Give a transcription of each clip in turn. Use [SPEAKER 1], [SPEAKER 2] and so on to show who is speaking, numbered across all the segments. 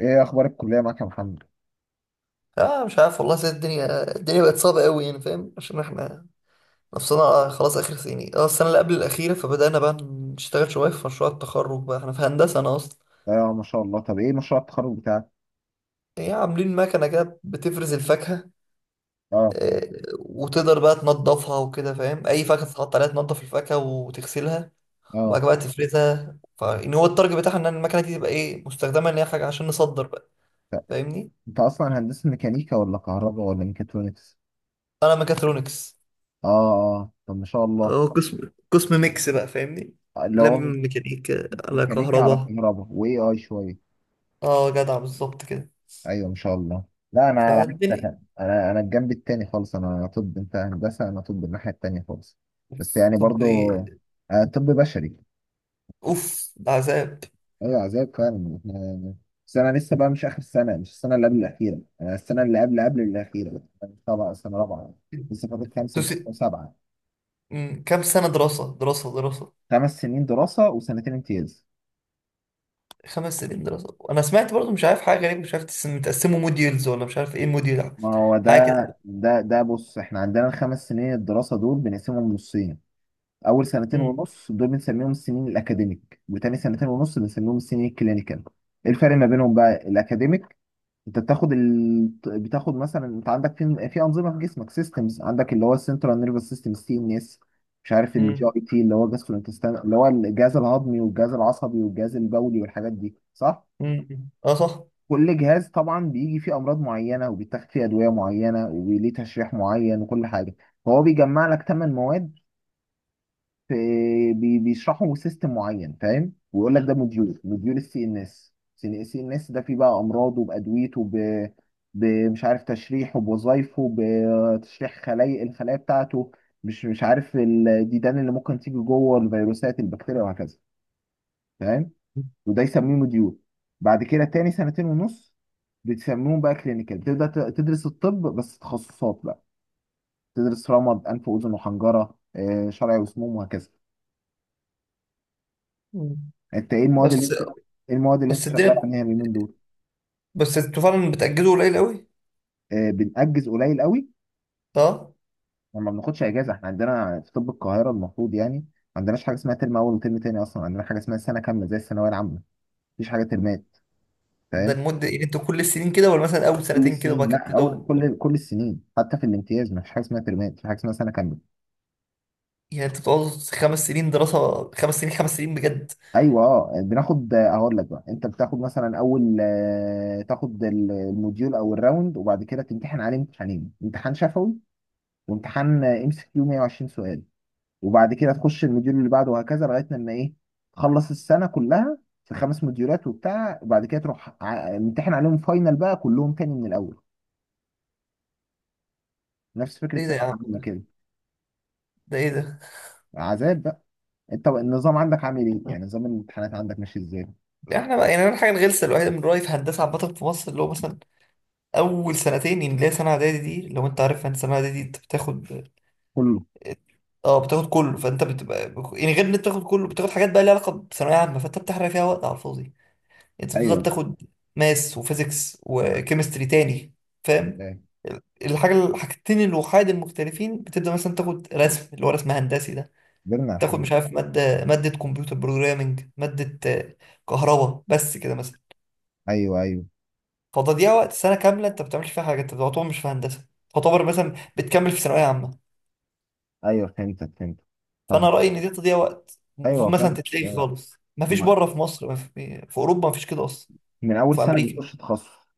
[SPEAKER 1] ايه اخبار الكليه معاك يا محمد؟
[SPEAKER 2] اه، مش عارف والله سيد الدنيا بقت صعبة قوي يعني فاهم عشان احنا نفسنا خلاص اخر سنين، السنة اللي قبل الأخيرة فبدأنا بقى نشتغل شوية في مشروع التخرج بقى. احنا في هندسة، انا اصلا
[SPEAKER 1] اه، ما شاء الله. طب ايه مشروع التخرج بتاعك؟
[SPEAKER 2] هي عاملين مكنة كده بتفرز الفاكهة
[SPEAKER 1] اه
[SPEAKER 2] وتقدر بقى تنضفها وكده فاهم. اي فاكهة تتحط عليها تنضف الفاكهة وتغسلها، وبعد
[SPEAKER 1] اه
[SPEAKER 2] كده بقى تفرزها. فان هو التارجت بتاعها ان المكنة دي تبقى ايه مستخدمة ان هي حاجة عشان نصدر بقى، فاهمني.
[SPEAKER 1] انت اصلا هندسه ميكانيكا ولا كهرباء ولا ميكاترونكس؟
[SPEAKER 2] انا ميكاترونكس.
[SPEAKER 1] اه، طب ما شاء الله.
[SPEAKER 2] اه، قسم ميكس بقى، فاهمني.
[SPEAKER 1] اللي هو
[SPEAKER 2] لم ميكانيكا على
[SPEAKER 1] ميكانيكا على
[SPEAKER 2] كهرباء.
[SPEAKER 1] كهرباء واي اي شويه.
[SPEAKER 2] اه، جدع بالظبط كده.
[SPEAKER 1] ايوه، ما شاء الله. لا، انا على
[SPEAKER 2] فالدنيا
[SPEAKER 1] عكسك. انا الجنب التاني خالص. انا طب، انت هندسه. انا طب، الناحيه التانيه خالص. بس يعني
[SPEAKER 2] طب
[SPEAKER 1] برضو.
[SPEAKER 2] ايه.
[SPEAKER 1] آه، طب بشري.
[SPEAKER 2] اوف، ده عذاب.
[SPEAKER 1] ايوه، عذاب فعلا احنا. بس انا لسه بقى مش اخر السنه، مش السنه اللي قبل الاخيره، انا السنه اللي قبل قبل الاخيره، طبعا سنه رابعه. لسه فاضل خمسه
[SPEAKER 2] تس...
[SPEAKER 1] وسته وسبعه.
[SPEAKER 2] كام سنة؟ دراسة دراسة دراسة.
[SPEAKER 1] خمس سنين دراسه وسنتين امتياز.
[SPEAKER 2] 5 سنين دراسة. وانا سمعت برضو مش عارف، حاجة غريبة، مش عارف، متقسموا موديولز ولا مش عارف ايه الموديول،
[SPEAKER 1] ما هو
[SPEAKER 2] حاجة
[SPEAKER 1] ده.
[SPEAKER 2] كده.
[SPEAKER 1] ده بص، احنا عندنا الخمس سنين الدراسه دول بنقسمهم نصين. اول سنتين
[SPEAKER 2] مم،
[SPEAKER 1] ونص دول بنسميهم السنين الاكاديميك، وتاني سنتين ونص بنسميهم السنين الكلينيكال. ايه الفرق ما بينهم بقى؟ الاكاديميك انت بتاخد مثلا، انت عندك في انظمه في جسمك، سيستمز، عندك اللي هو السنترال نيرفس سيستم، السي ان اس، مش عارف الجي
[SPEAKER 2] مم،
[SPEAKER 1] اي تي اللي هو جاسترو انتستان، اللي هو الجهاز الهضمي والجهاز العصبي والجهاز البولي والحاجات دي، صح؟
[SPEAKER 2] مم. اه صح.
[SPEAKER 1] كل جهاز طبعا بيجي فيه امراض معينه وبيتاخد فيه ادويه معينه وليه تشريح معين وكل حاجه. فهو بيجمع لك 8 مواد بيشرحوا سيستم معين، فاهم، ويقول لك ده موديول، موديول السي ان اس. السي ان اس ده فيه بقى امراضه بادويته بمش عارف تشريحه، بوظايفه، بتشريح خلايا، الخلايا بتاعته، مش عارف الديدان اللي ممكن تيجي جوه، الفيروسات، البكتيريا، وهكذا، فاهم. وده يسميه موديول. بعد كده تاني سنتين ونص بتسميهم بقى كلينيكال، بتبدا تدرس الطب بس تخصصات بقى. تدرس رمد، انف واذن وحنجره، شرعي وسموم وهكذا.
[SPEAKER 2] مم.
[SPEAKER 1] انت ايه المواد اللي
[SPEAKER 2] بس
[SPEAKER 1] انت ايه المواد اللي انت
[SPEAKER 2] بس
[SPEAKER 1] شغال
[SPEAKER 2] الدنيا،
[SPEAKER 1] عليها اليومين دول؟
[SPEAKER 2] بس انتوا فعلا بتأجلوا قليل قوي.
[SPEAKER 1] آه، بنأجز قليل قوي،
[SPEAKER 2] اه،
[SPEAKER 1] وما بناخدش اجازه. احنا عندنا في طب القاهره المفروض يعني ما عندناش حاجه اسمها ترم اول وترم تاني، اصلا عندنا حاجه اسمها سنه كامله زي الثانويه العامه، مفيش حاجه ترمات،
[SPEAKER 2] ده
[SPEAKER 1] فاهم.
[SPEAKER 2] المدة يعني انتوا كل السنين كده، ولا مثلا اول
[SPEAKER 1] كل
[SPEAKER 2] سنتين كده وبعد
[SPEAKER 1] السنين،
[SPEAKER 2] كده
[SPEAKER 1] لا اول،
[SPEAKER 2] بتبدأوا؟
[SPEAKER 1] كل السنين، حتى في الامتياز مفيش حاجه اسمها ترمات، في حاجه اسمها سنه كامله.
[SPEAKER 2] يعني انتوا بتقعدوا 5 سنين دراسة؟ 5 سنين 5 سنين بجد؟
[SPEAKER 1] ايوه، بناخد، اقول لك بقى، انت بتاخد مثلا اول، تاخد الموديول او الراوند، وبعد كده تمتحن عليه امتحانين، امتحان شفوي وامتحان ام سي كيو، 120 سؤال، وبعد كده تخش المديول اللي بعده وهكذا لغايه لما ايه، تخلص السنه كلها. في 5 مديولات وبتاع، وبعد كده تروح امتحن عليهم فاينل بقى كلهم تاني من الاول، نفس فكره
[SPEAKER 2] ايه ده يا
[SPEAKER 1] ثانويه عامه
[SPEAKER 2] عم؟
[SPEAKER 1] كده،
[SPEAKER 2] ده ايه ده؟
[SPEAKER 1] عذاب بقى. انت بقى النظام عندك عامل ايه؟ يعني نظام الامتحانات عندك ماشي ازاي؟
[SPEAKER 2] احنا بقى يعني أنا الحاجه الغلسه الوحيده من رايي في هندسه عامه في مصر اللي هو مثلا اول سنتين، يعني اللي هي سنه اعدادي دي، لو انت عارف ان سنه اعدادي دي انت بتاخد.
[SPEAKER 1] كله.
[SPEAKER 2] اه، بتاخد كله، فانت بتبقى يعني غير ان انت بتاخد كله، بتاخد حاجات بقى ليها علاقه بثانويه عامه فانت بتحرق فيها وقت على الفاضي يعني. انت بتفضل
[SPEAKER 1] ايوه،
[SPEAKER 2] تاخد ماس وفيزيكس وكيمستري تاني، فاهم.
[SPEAKER 1] فاهم.
[SPEAKER 2] الحاجه الحاجتين الوحيد المختلفين بتبدا مثلا تاخد رسم، اللي هو رسم هندسي ده،
[SPEAKER 1] كبرنا على
[SPEAKER 2] تاخد
[SPEAKER 1] الحاجات
[SPEAKER 2] مش
[SPEAKER 1] دي.
[SPEAKER 2] عارف ماده كمبيوتر بروجرامنج، ماده كهرباء، بس كده مثلا.
[SPEAKER 1] ايوه، ايوه.
[SPEAKER 2] فتضييع وقت سنه كامله انت ما بتعملش فيها حاجه، انت تعتبر مش في هندسه، تعتبر مثلا بتكمل في ثانويه عامه.
[SPEAKER 1] ايوه، فهمتك. طب.
[SPEAKER 2] فانا رايي ان دي تضييع وقت، المفروض
[SPEAKER 1] ايوه
[SPEAKER 2] مثلا
[SPEAKER 1] فعلا،
[SPEAKER 2] تتلغي
[SPEAKER 1] أيوة.
[SPEAKER 2] خالص. ما فيش
[SPEAKER 1] ما-
[SPEAKER 2] بره في مصر، ما في, في اوروبا ما فيش كده اصلا.
[SPEAKER 1] من اول
[SPEAKER 2] وفي
[SPEAKER 1] سنه
[SPEAKER 2] امريكا
[SPEAKER 1] بتخش تخصص.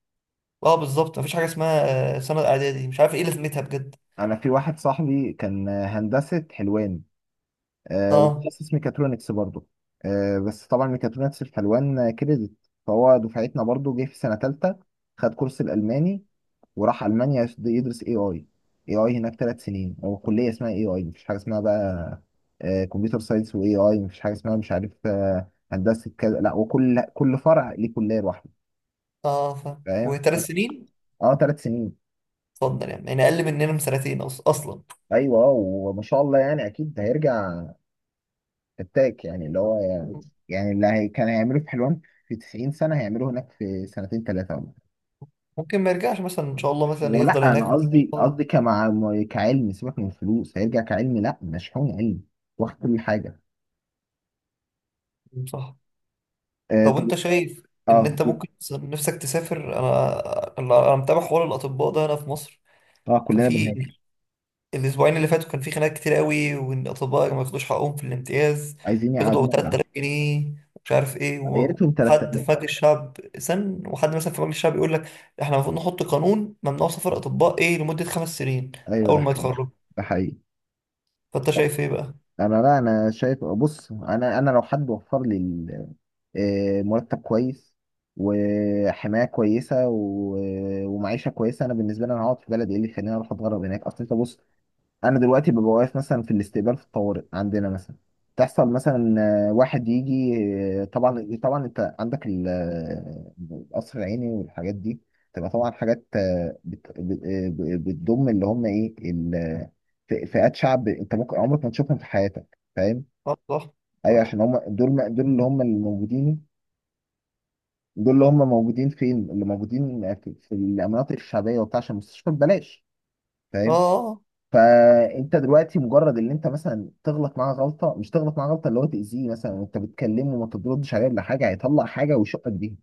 [SPEAKER 2] اه بالظبط ما فيش حاجه اسمها سنه اعدادي، مش عارف ايه لازمتها بجد.
[SPEAKER 1] انا في واحد صاحبي كان هندسه حلوان، آه،
[SPEAKER 2] اه
[SPEAKER 1] وتخصص ميكاترونكس برضه، آه. بس طبعا ميكاترونكس في حلوان كريدت، فهو دفعتنا برضه جه في سنة تالتة، خد كورس الألماني، وراح ألمانيا يدرس اي اي. اي اي هناك 3 سنين، هو كلية اسمها اي اي، مفيش حاجة اسمها بقى كمبيوتر ساينس واي اي، مفيش حاجة اسمها مش عارف هندسة كذا لا، وكل فرع ليه كلية لوحده،
[SPEAKER 2] اه فاهم،
[SPEAKER 1] فاهم.
[SPEAKER 2] وثلاث سنين.
[SPEAKER 1] اه، 3 سنين.
[SPEAKER 2] اتفضل يعني اقل مننا بسنتين اصلا.
[SPEAKER 1] ايوه، وما شاء الله يعني اكيد هيرجع فتاك يعني، اللي هو يعني، يعني اللي هي كان هيعمله في حلوان في 90 سنة، هيعمله هناك في سنتين ثلاثة ولا حاجة.
[SPEAKER 2] ممكن ما يرجعش مثلا ان شاء الله، مثلا يفضل
[SPEAKER 1] ولا
[SPEAKER 2] هناك.
[SPEAKER 1] أنا قصدي، قصدي كعلم. سيبك من الفلوس، هيرجع كعلم، لا مشحون علم، واخد كل حاجة.
[SPEAKER 2] صح.
[SPEAKER 1] آه،
[SPEAKER 2] طب
[SPEAKER 1] طب.
[SPEAKER 2] وانت شايف ان
[SPEAKER 1] اه.
[SPEAKER 2] انت ممكن نفسك تسافر؟ انا انا أنا متابع حوار الاطباء ده هنا في مصر.
[SPEAKER 1] اه، كلنا
[SPEAKER 2] ففي
[SPEAKER 1] بنهاكر.
[SPEAKER 2] الاسبوعين اللي فاتوا كان في خناقات كتير قوي، وان الاطباء ما ياخدوش حقهم في الامتياز،
[SPEAKER 1] عايزين
[SPEAKER 2] بياخدوا
[SPEAKER 1] يقعدونا
[SPEAKER 2] 3000
[SPEAKER 1] بالعافية.
[SPEAKER 2] جنيه ومش عارف ايه.
[SPEAKER 1] يا ريتهم
[SPEAKER 2] وحد
[SPEAKER 1] 3000.
[SPEAKER 2] في مجلس الشعب سن، وحد مثلا في مجلس الشعب يقول لك احنا المفروض نحط قانون ممنوع سفر اطباء ايه لمده 5 سنين
[SPEAKER 1] أيوه، ده
[SPEAKER 2] اول ما
[SPEAKER 1] حقيقي.
[SPEAKER 2] يتخرجوا.
[SPEAKER 1] ده حقيقي.
[SPEAKER 2] فانت شايف ايه بقى؟
[SPEAKER 1] انا لا، انا شايف، بص انا لو حد وفر لي آه، مرتب كويس وحمايه كويسه ومعيشه كويسه، انا بالنسبه لي انا هقعد في بلدي. ايه اللي يخليني اروح اتغرب هناك؟ اصل انت بص، انا دلوقتي ببقى واقف مثلا في الاستقبال في الطوارئ عندنا مثلا، تحصل مثلا، واحد يجي، طبعا طبعا انت عندك القصر العيني والحاجات دي، تبقى طبعا حاجات بتضم اللي هم ايه فئات شعب انت ممكن عمرك ما تشوفهم في حياتك، فاهم.
[SPEAKER 2] اه صح
[SPEAKER 1] ايوه
[SPEAKER 2] صح
[SPEAKER 1] عشان هم دول، دول اللي هم الموجودين، دول اللي هم موجودين فين؟ اللي موجودين في المناطق الشعبيه وبتاع، عشان المستشفى ببلاش، فاهم.
[SPEAKER 2] اه،
[SPEAKER 1] فانت دلوقتي مجرد ان انت مثلا تغلط معاه غلطه، مش تغلط معاه غلطه، اللي هو تاذيه مثلا، وانت بتكلمه وما تردش عليه ولا حاجه، هيطلع حاجه ويشقك بيها،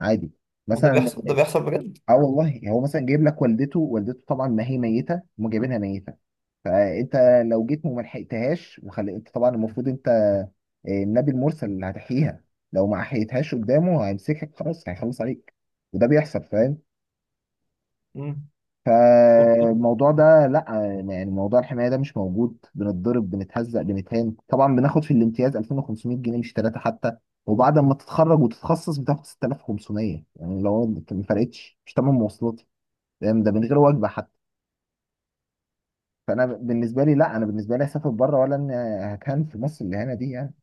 [SPEAKER 1] عادي،
[SPEAKER 2] ده
[SPEAKER 1] مثلا.
[SPEAKER 2] بيحصل، ده بيحصل بجد.
[SPEAKER 1] اه والله، هو مثلا جايب لك والدته، والدته طبعا ما هي ميته، هم جايبينها ميته، فانت لو جيت وما لحقتهاش، وخلي انت طبعا المفروض انت النبي المرسل اللي هتحييها، لو ما حيتهاش قدامه هيمسكك خلاص، هيخلص عليك، وده بيحصل، فاهم.
[SPEAKER 2] مم.
[SPEAKER 1] فالموضوع ده لا، يعني موضوع الحمايه ده مش موجود، بنتضرب، بنتهزق، بنتهان. طبعا بناخد في الامتياز 2500 جنيه، مش ثلاثه حتى، وبعد ما تتخرج وتتخصص بتاخد 6500، يعني لو ما فرقتش مش تمن مواصلاتي، فاهم؟ ده من غير وجبه حتى. فانا بالنسبه لي لا، انا بالنسبه لي اسافر بره ولا ان هكان في مصر الاهانه دي يعني.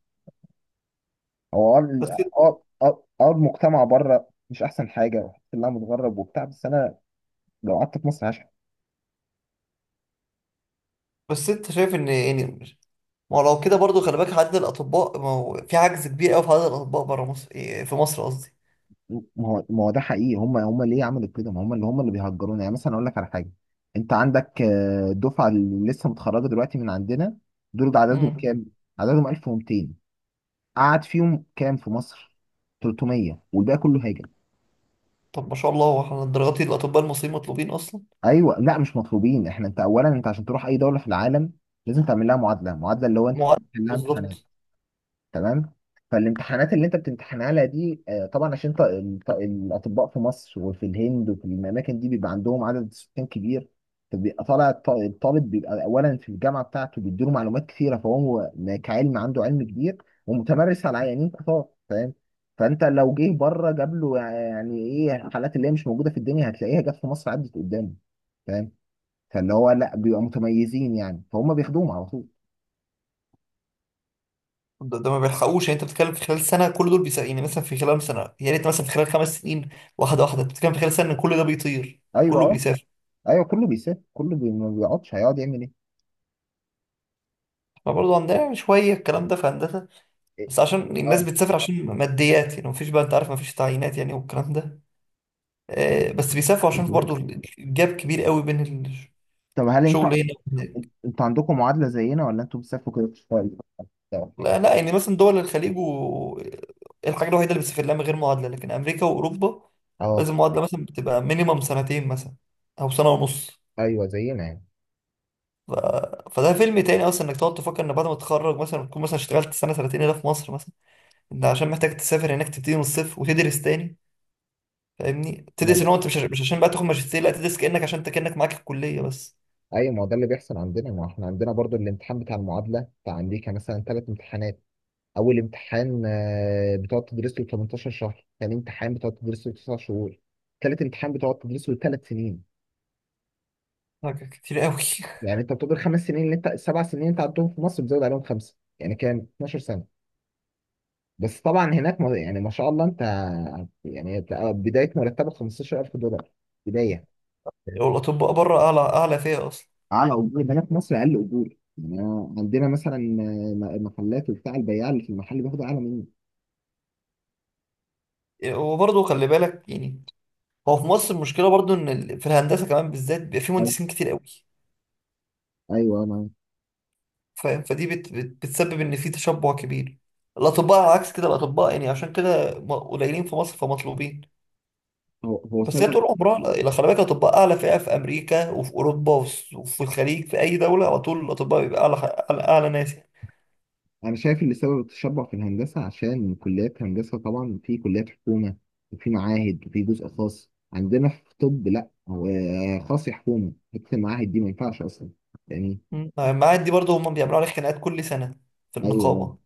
[SPEAKER 1] هو
[SPEAKER 2] بس
[SPEAKER 1] المجتمع بره مش احسن حاجه، وحتى اللي انا متغرب وبتاع، بس انا لو قعدت في مصر هشحت.
[SPEAKER 2] بس انت شايف ان يعني، ما هو لو كده برضو خلي بالك عدد الأطباء. ما هو في عجز كبير أوي في عدد الأطباء برا مصر، إيه، في مصر قصدي.
[SPEAKER 1] ما ما هو ده حقيقي. هم ليه عملوا كده؟ ما هم اللي بيهجرونا. يعني مثلا اقول لك على حاجه، انت عندك الدفعه اللي لسه متخرجه دلوقتي من عندنا، دول عددهم
[SPEAKER 2] مم.
[SPEAKER 1] كام؟ عددهم 1200. قعد فيهم كام في مصر؟ 300، والباقي كله هاجر.
[SPEAKER 2] طب ما شاء الله، هو احنا الدرجات دي الأطباء المصريين مطلوبين أصلا؟
[SPEAKER 1] ايوه، لا مش مطلوبين احنا. انت اولا، انت عشان تروح اي دوله في العالم لازم تعمل لها معادله، معادله اللي هو انت
[SPEAKER 2] معدل،
[SPEAKER 1] تعمل لها امتحانات،
[SPEAKER 2] بالظبط.
[SPEAKER 1] تمام؟ فالامتحانات اللي انت بتمتحن عليها دي طبعا عشان الاطباء في مصر وفي الهند وفي الاماكن دي بيبقى عندهم عدد سكان كبير، فبيبقى طالع الطالب، بيبقى اولا في الجامعه بتاعته بيديله معلومات كثيره، فهو كعلم عنده علم كبير ومتمرس على عيانين كتار، فاهم. فانت لو جه بره جاب له يعني ايه، حالات اللي هي مش موجوده في الدنيا هتلاقيها جت في مصر عدت قدامه، فاهم. فاللي هو لا، بيبقى متميزين يعني، فهم بياخدوهم على طول.
[SPEAKER 2] ده ما بيلحقوش يعني. أنت بتتكلم في خلال سنة كل دول بيسا، يعني مثلا في خلال سنة، يعني أنت مثلا في خلال خمس سنين واحدة واحدة، أنت بتتكلم في خلال سنة كل ده بيطير.
[SPEAKER 1] ايوه،
[SPEAKER 2] كله
[SPEAKER 1] اه.
[SPEAKER 2] بيسافر.
[SPEAKER 1] ايوه كله بيسافر، ما بيقعدش، هيقعد يعمل ايه؟
[SPEAKER 2] احنا برضه عندنا يعني شوية الكلام ده في هندسة،
[SPEAKER 1] إيه؟
[SPEAKER 2] بس عشان الناس
[SPEAKER 1] اه.
[SPEAKER 2] بتسافر عشان ماديات. يعني مفيش، بقى أنت عارف، مفيش تعيينات يعني والكلام ده. بس بيسافروا عشان
[SPEAKER 1] يعني.
[SPEAKER 2] برضه الجاب كبير قوي بين
[SPEAKER 1] طب هل انت،
[SPEAKER 2] شغل هنا وهناك.
[SPEAKER 1] انتوا عندكم معادله زينا، ولا انتوا بتسافروا كده بتشتغلوا بس، أو حاجة؟
[SPEAKER 2] لا لا، يعني مثلا دول الخليج و الحاجة الوحيدة اللي بتسافر لها من غير معادلة. لكن أمريكا وأوروبا
[SPEAKER 1] اه.
[SPEAKER 2] لازم معادلة، مثلا بتبقى مينيمم سنتين مثلا، أو سنة ونص.
[SPEAKER 1] ايوه، زينا يعني.
[SPEAKER 2] ف... فده فيلم تاني أصلا إنك تقعد تفكر إن بعد ما تتخرج مثلا تكون مثلا اشتغلت سنة سنتين هنا في مصر مثلا. أنت عشان محتاج تسافر هناك تبتدي من الصفر وتدرس تاني، فاهمني.
[SPEAKER 1] ما
[SPEAKER 2] تدرس
[SPEAKER 1] ده،
[SPEAKER 2] إن هو أنت مش عشان بقى تاخد ماجستير، لا تدرس كأنك، عشان أنت كأنك معاك الكلية بس.
[SPEAKER 1] ايوه ما هو ده اللي بيحصل عندنا. ما احنا عندنا برضو الامتحان بتاع المعادله بتاع امريكا مثلا 3 امتحانات. اول امتحان بتقعد تدرس له 18 شهر، ثاني امتحان بتقعد تدرس له 9 شهور، ثالث امتحان بتقعد تدرس له 3 سنين.
[SPEAKER 2] حاجة كتير قوي.
[SPEAKER 1] يعني انت بتقعد ال5 سنين اللي انت، ال7 سنين اللي انت عندهم في مصر، بتزود عليهم خمسه، يعني كام، 12. بس طبعا هناك يعني ما شاء الله انت، يعني أنت بدايه مرتبك 15000 دولار، بدايه.
[SPEAKER 2] والأطباء بره أعلى، أعلى فيها أصلا.
[SPEAKER 1] على اجور ده، هنا في مصر اقل اجور، يعني أنا عندنا مثلا محلات وبتاع، البياع اللي في المحل بياخد اعلى مني.
[SPEAKER 2] وبرضه خلي بالك يعني، هو في مصر المشكله برضو ان في الهندسه كمان بالذات بيبقى في
[SPEAKER 1] أيوة.
[SPEAKER 2] مهندسين كتير قوي،
[SPEAKER 1] أيوة، انا.
[SPEAKER 2] فاهم. فدي بت بت بتسبب ان في تشبع كبير. الاطباء على عكس كده، الاطباء يعني عشان كده قليلين في مصر فمطلوبين،
[SPEAKER 1] هو
[SPEAKER 2] بس هي
[SPEAKER 1] سبب.
[SPEAKER 2] طول عمرها. لا خلي بالك الاطباء اعلى فئه في امريكا وفي اوروبا وفي الخليج في اي دوله. على طول الاطباء بيبقى اعلى، أعلى ناس يعني.
[SPEAKER 1] انا شايف اللي سبب التشبع في الهندسه عشان كليات هندسه، طبعا في كليات حكومه وفي معاهد وفي جزء خاص. عندنا في طب لا، هو خاص يا حكومه، حته المعاهد دي ما ينفعش اصلا يعني.
[SPEAKER 2] مم. المعاهد دي برضو هم بيعملوا عليها خناقات كل سنه في
[SPEAKER 1] ايوه.
[SPEAKER 2] النقابه.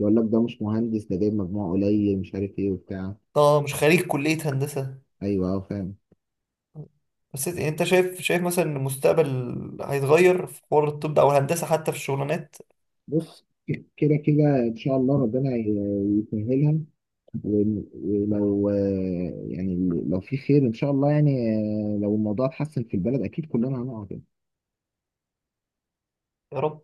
[SPEAKER 1] يقول لك ده مش مهندس، ده جايب مجموع قليل مش عارف ايه وبتاع.
[SPEAKER 2] اه، مش خريج كليه هندسه.
[SPEAKER 1] ايوه، اه، فاهم.
[SPEAKER 2] بس انت شايف شايف مثلا ان المستقبل هيتغير في حوار الطب ده او الهندسه حتى في الشغلانات؟
[SPEAKER 1] بص كده كده ان شاء الله ربنا يسهلها، ولو يعني، لو في خير ان شاء الله يعني، لو الموضوع اتحسن في البلد اكيد كلنا هنقعد يعني.
[SPEAKER 2] يا رب.